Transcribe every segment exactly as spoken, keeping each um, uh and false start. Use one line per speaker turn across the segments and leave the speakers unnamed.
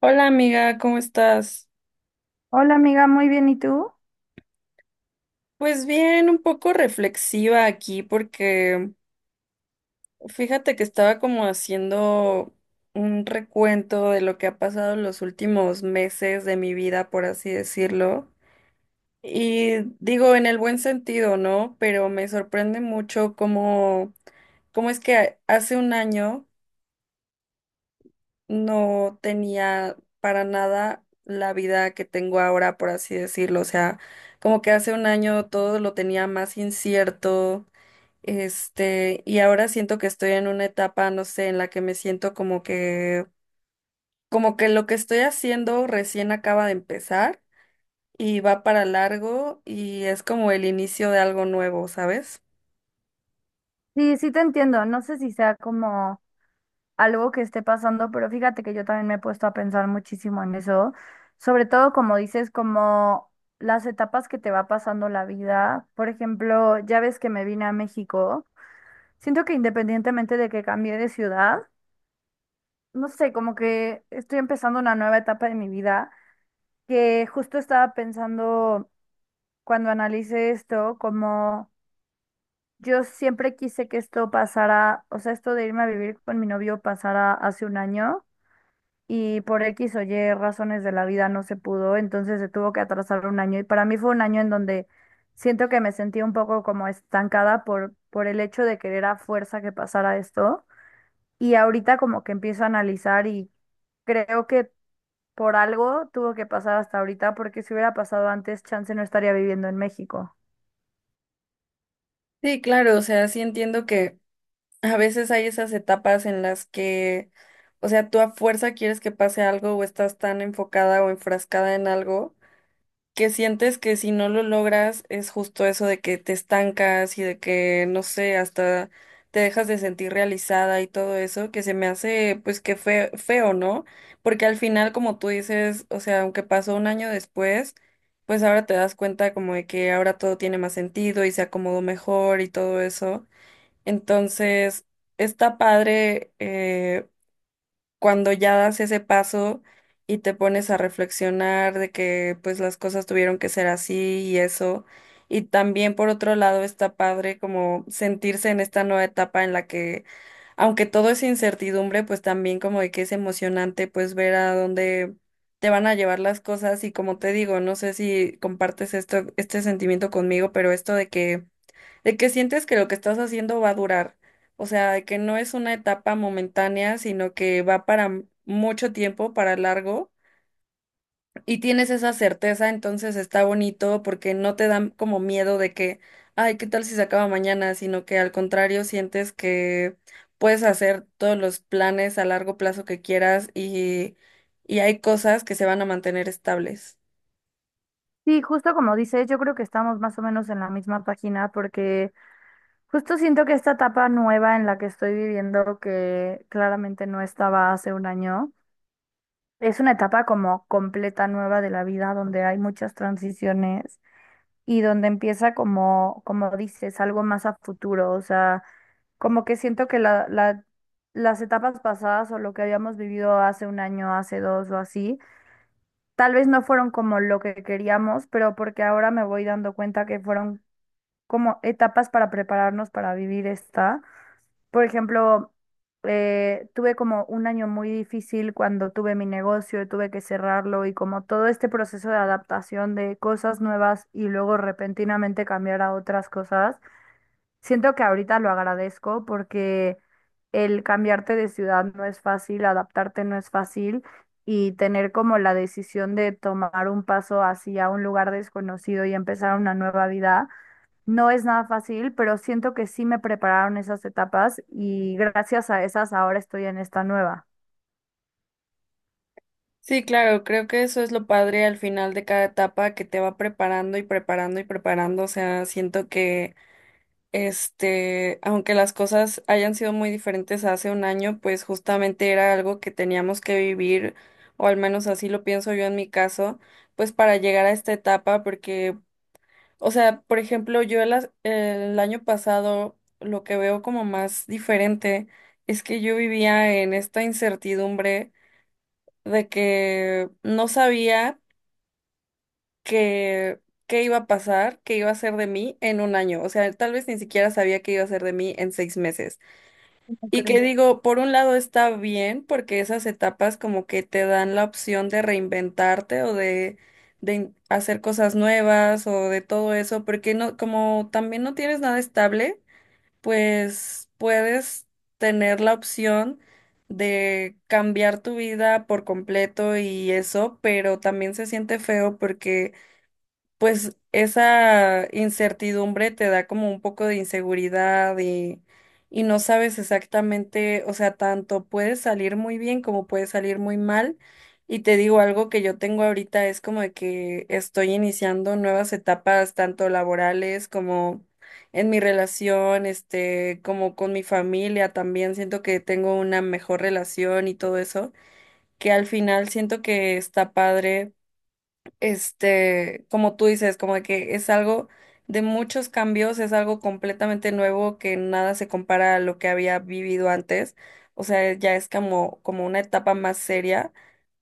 Hola amiga, ¿cómo estás?
Hola amiga, muy bien, ¿y tú?
Pues bien, un poco reflexiva aquí porque fíjate que estaba como haciendo un recuento de lo que ha pasado en los últimos meses de mi vida, por así decirlo. Y digo en el buen sentido, ¿no? Pero me sorprende mucho cómo, cómo es que hace un año no tenía para nada la vida que tengo ahora, por así decirlo. O sea, como que hace un año todo lo tenía más incierto, este, y ahora siento que estoy en una etapa, no sé, en la que me siento como que, como que lo que estoy haciendo recién acaba de empezar y va para largo y es como el inicio de algo nuevo, ¿sabes?
Sí, sí te entiendo, no sé si sea como algo que esté pasando, pero fíjate que yo también me he puesto a pensar muchísimo en eso, sobre todo como dices, como las etapas que te va pasando la vida. Por ejemplo, ya ves que me vine a México, siento que independientemente de que cambié de ciudad, no sé, como que estoy empezando una nueva etapa de mi vida, que justo estaba pensando cuando analice esto, como... Yo siempre quise que esto pasara, o sea, esto de irme a vivir con mi novio pasara hace un año y por X o Y razones de la vida no se pudo, entonces se tuvo que atrasar un año y para mí fue un año en donde siento que me sentí un poco como estancada por, por el hecho de querer a fuerza que pasara esto, y ahorita como que empiezo a analizar y creo que por algo tuvo que pasar hasta ahorita, porque si hubiera pasado antes, chance no estaría viviendo en México.
Sí, claro, o sea, sí entiendo que a veces hay esas etapas en las que, o sea, tú a fuerza quieres que pase algo o estás tan enfocada o enfrascada en algo que sientes que si no lo logras es justo eso de que te estancas y de que, no sé, hasta te dejas de sentir realizada y todo eso, que se me hace pues que fe- feo, ¿no? Porque al final, como tú dices, o sea, aunque pasó un año después, pues ahora te das cuenta como de que ahora todo tiene más sentido y se acomodó mejor y todo eso. Entonces, está padre eh, cuando ya das ese paso y te pones a reflexionar de que pues las cosas tuvieron que ser así y eso. Y también por otro lado está padre como sentirse en esta nueva etapa en la que, aunque todo es incertidumbre, pues también como de que es emocionante pues ver a dónde te van a llevar las cosas. Y como te digo, no sé si compartes esto, este sentimiento conmigo, pero esto de que de que sientes que lo que estás haciendo va a durar, o sea, de que no es una etapa momentánea, sino que va para m- mucho tiempo, para largo, y tienes esa certeza, entonces está bonito porque no te dan como miedo de que, ay, ¿qué tal si se acaba mañana? Sino que al contrario sientes que puedes hacer todos los planes a largo plazo que quieras y, y hay cosas que se van a mantener estables.
Sí, justo como dices, yo creo que estamos más o menos en la misma página, porque justo siento que esta etapa nueva en la que estoy viviendo, que claramente no estaba hace un año, es una etapa como completa nueva de la vida, donde hay muchas transiciones y donde empieza, como, como dices, algo más a futuro. O sea, como que siento que la, la- las etapas pasadas o lo que habíamos vivido hace un año, hace dos o así, tal vez no fueron como lo que queríamos, pero porque ahora me voy dando cuenta que fueron como etapas para prepararnos para vivir esta. Por ejemplo, eh, tuve como un año muy difícil cuando tuve mi negocio y tuve que cerrarlo, y como todo este proceso de adaptación de cosas nuevas y luego repentinamente cambiar a otras cosas. Siento que ahorita lo agradezco porque el cambiarte de ciudad no es fácil, adaptarte no es fácil, y tener como la decisión de tomar un paso hacia un lugar desconocido y empezar una nueva vida no es nada fácil, pero siento que sí me prepararon esas etapas y gracias a esas ahora estoy en esta nueva.
Sí, claro, creo que eso es lo padre al final de cada etapa que te va preparando y preparando y preparando. O sea, siento que, este, aunque las cosas hayan sido muy diferentes hace un año, pues justamente era algo que teníamos que vivir, o al menos así lo pienso yo en mi caso, pues para llegar a esta etapa, porque, o sea, por ejemplo, yo el, as- el año pasado lo que veo como más diferente es que yo vivía en esta incertidumbre de que no sabía. Que qué iba a pasar, qué iba a ser de mí en un año. O sea, tal vez ni siquiera sabía qué iba a ser de mí en seis meses.
¿Cómo
Y que
crees?
digo, por un lado está bien porque esas etapas como que te dan la opción de reinventarte o de, de in- hacer cosas nuevas o de todo eso, porque no, como también no tienes nada estable, pues puedes tener la opción de cambiar tu vida por completo y eso, pero también se siente feo porque pues esa incertidumbre te da como un poco de inseguridad y, y no sabes exactamente, o sea, tanto puede salir muy bien como puede salir muy mal. Y te digo algo que yo tengo ahorita es como de que estoy iniciando nuevas etapas, tanto laborales como en mi relación, este, como con mi familia también. Siento que tengo una mejor relación y todo eso, que al final siento que está padre este, como tú dices, como de que es algo de muchos cambios, es algo completamente nuevo que nada se compara a lo que había vivido antes. O sea, ya es como, como una etapa más seria,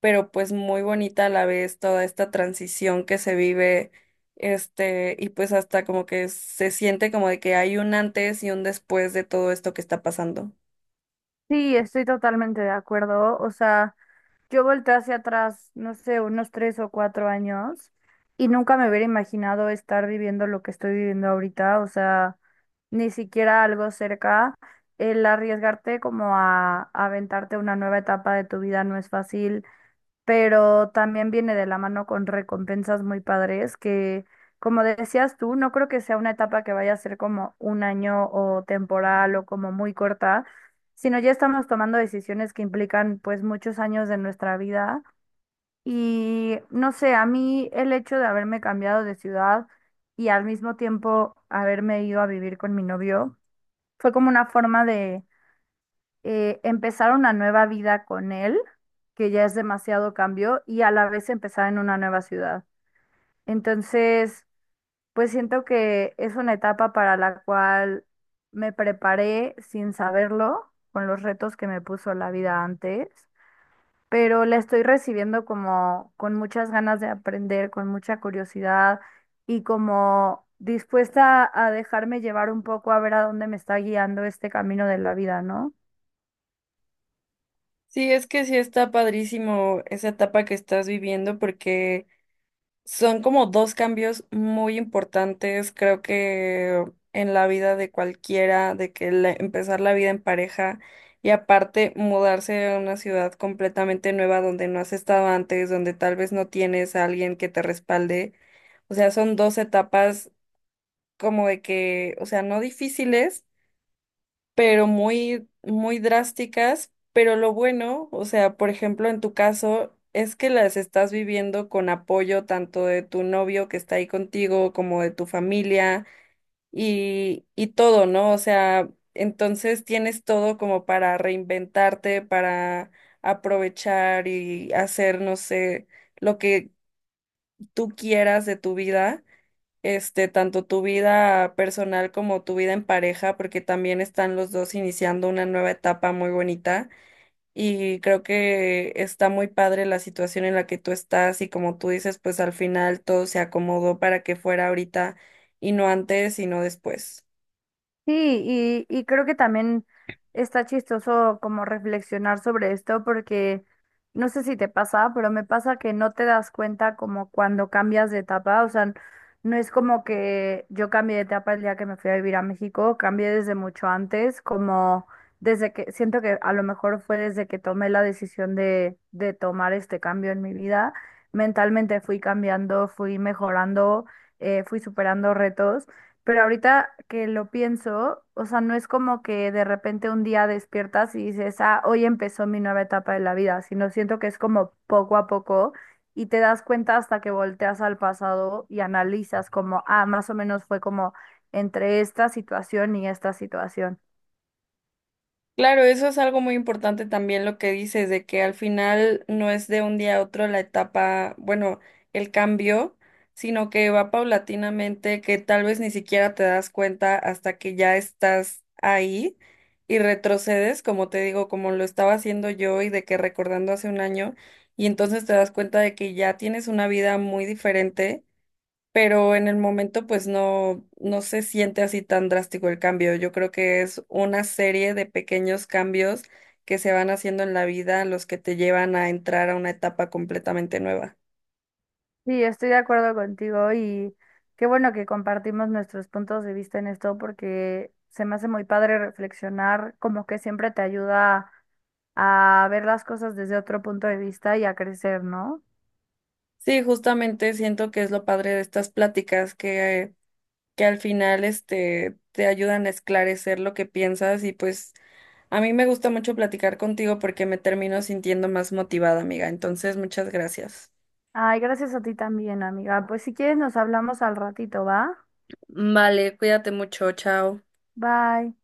pero pues muy bonita a la vez toda esta transición que se vive, este, y pues hasta como que se siente como de que hay un antes y un después de todo esto que está pasando.
Sí, estoy totalmente de acuerdo. O sea... Yo volteé hacia atrás, no sé, unos tres o cuatro años, y nunca me hubiera imaginado estar viviendo lo que estoy viviendo ahorita, o sea, ni siquiera algo cerca. El arriesgarte como a, a aventarte una nueva etapa de tu vida no es fácil, pero también viene de la mano con recompensas muy padres que, como decías tú, no creo que sea una etapa que vaya a ser como un año o temporal o como muy corta, sino ya estamos tomando decisiones que implican pues muchos años de nuestra vida. Y no sé, a mí el hecho de haberme cambiado de ciudad y al mismo tiempo haberme ido a vivir con mi novio fue como una forma de eh, empezar una nueva vida con él, que ya es demasiado cambio, y a la vez empezar en una nueva ciudad. Entonces, pues siento que es una etapa para la cual me preparé sin saberlo, con los retos que me puso la vida antes, pero la estoy recibiendo como con muchas ganas de aprender, con mucha curiosidad y como dispuesta a dejarme llevar un poco a ver a dónde me está guiando este camino de la vida, ¿no?
Sí, es que sí está padrísimo esa etapa que estás viviendo porque son como dos cambios muy importantes, creo que en la vida de cualquiera, de que la- empezar la vida en pareja y aparte mudarse a una ciudad completamente nueva donde no has estado antes, donde tal vez no tienes a alguien que te respalde. O sea, son dos etapas como de que, o sea, no difíciles, pero muy, muy drásticas. Pero lo bueno, o sea, por ejemplo, en tu caso, es que las estás viviendo con apoyo tanto de tu novio que está ahí contigo como de tu familia y, y todo, ¿no? O sea, entonces tienes todo como para reinventarte, para aprovechar y hacer, no sé, lo que tú quieras de tu vida este, tanto tu vida personal como tu vida en pareja, porque también están los dos iniciando una nueva etapa muy bonita y creo que está muy padre la situación en la que tú estás y como tú dices, pues al final todo se acomodó para que fuera ahorita y no antes y no después.
Sí, y, y creo que también está chistoso como reflexionar sobre esto, porque no sé si te pasa, pero me pasa que no te das cuenta como cuando cambias de etapa. O sea, no es como que yo cambié de etapa el día que me fui a vivir a México, cambié desde mucho antes, como desde que, siento que a lo mejor fue desde que tomé la decisión de, de tomar este cambio en mi vida, mentalmente fui cambiando, fui mejorando, eh, fui superando retos. Pero ahorita que lo pienso, o sea, no es como que de repente un día despiertas y dices, ah, hoy empezó mi nueva etapa de la vida, sino siento que es como poco a poco, y te das cuenta hasta que volteas al pasado y analizas como, ah, más o menos fue como entre esta situación y esta situación.
Claro, eso es algo muy importante también lo que dices, de que al final no es de un día a otro la etapa, bueno, el cambio, sino que va paulatinamente, que tal vez ni siquiera te das cuenta hasta que ya estás ahí y retrocedes, como te digo, como lo estaba haciendo yo y de que recordando hace un año, y entonces te das cuenta de que ya tienes una vida muy diferente pero en el momento pues no, no se siente así tan drástico el cambio. Yo creo que es una serie de pequeños cambios que se van haciendo en la vida los que te llevan a entrar a una etapa completamente nueva.
Sí, estoy de acuerdo contigo, y qué bueno que compartimos nuestros puntos de vista en esto, porque se me hace muy padre reflexionar, como que siempre te ayuda a ver las cosas desde otro punto de vista y a crecer, ¿no?
Sí, justamente siento que es lo padre de estas pláticas que, que al final este, te ayudan a esclarecer lo que piensas y pues a mí me gusta mucho platicar contigo porque me termino sintiendo más motivada, amiga. Entonces, muchas gracias.
Ay, gracias a ti también, amiga. Pues si quieres nos hablamos al ratito, ¿va?
Vale, cuídate mucho, chao.
Bye.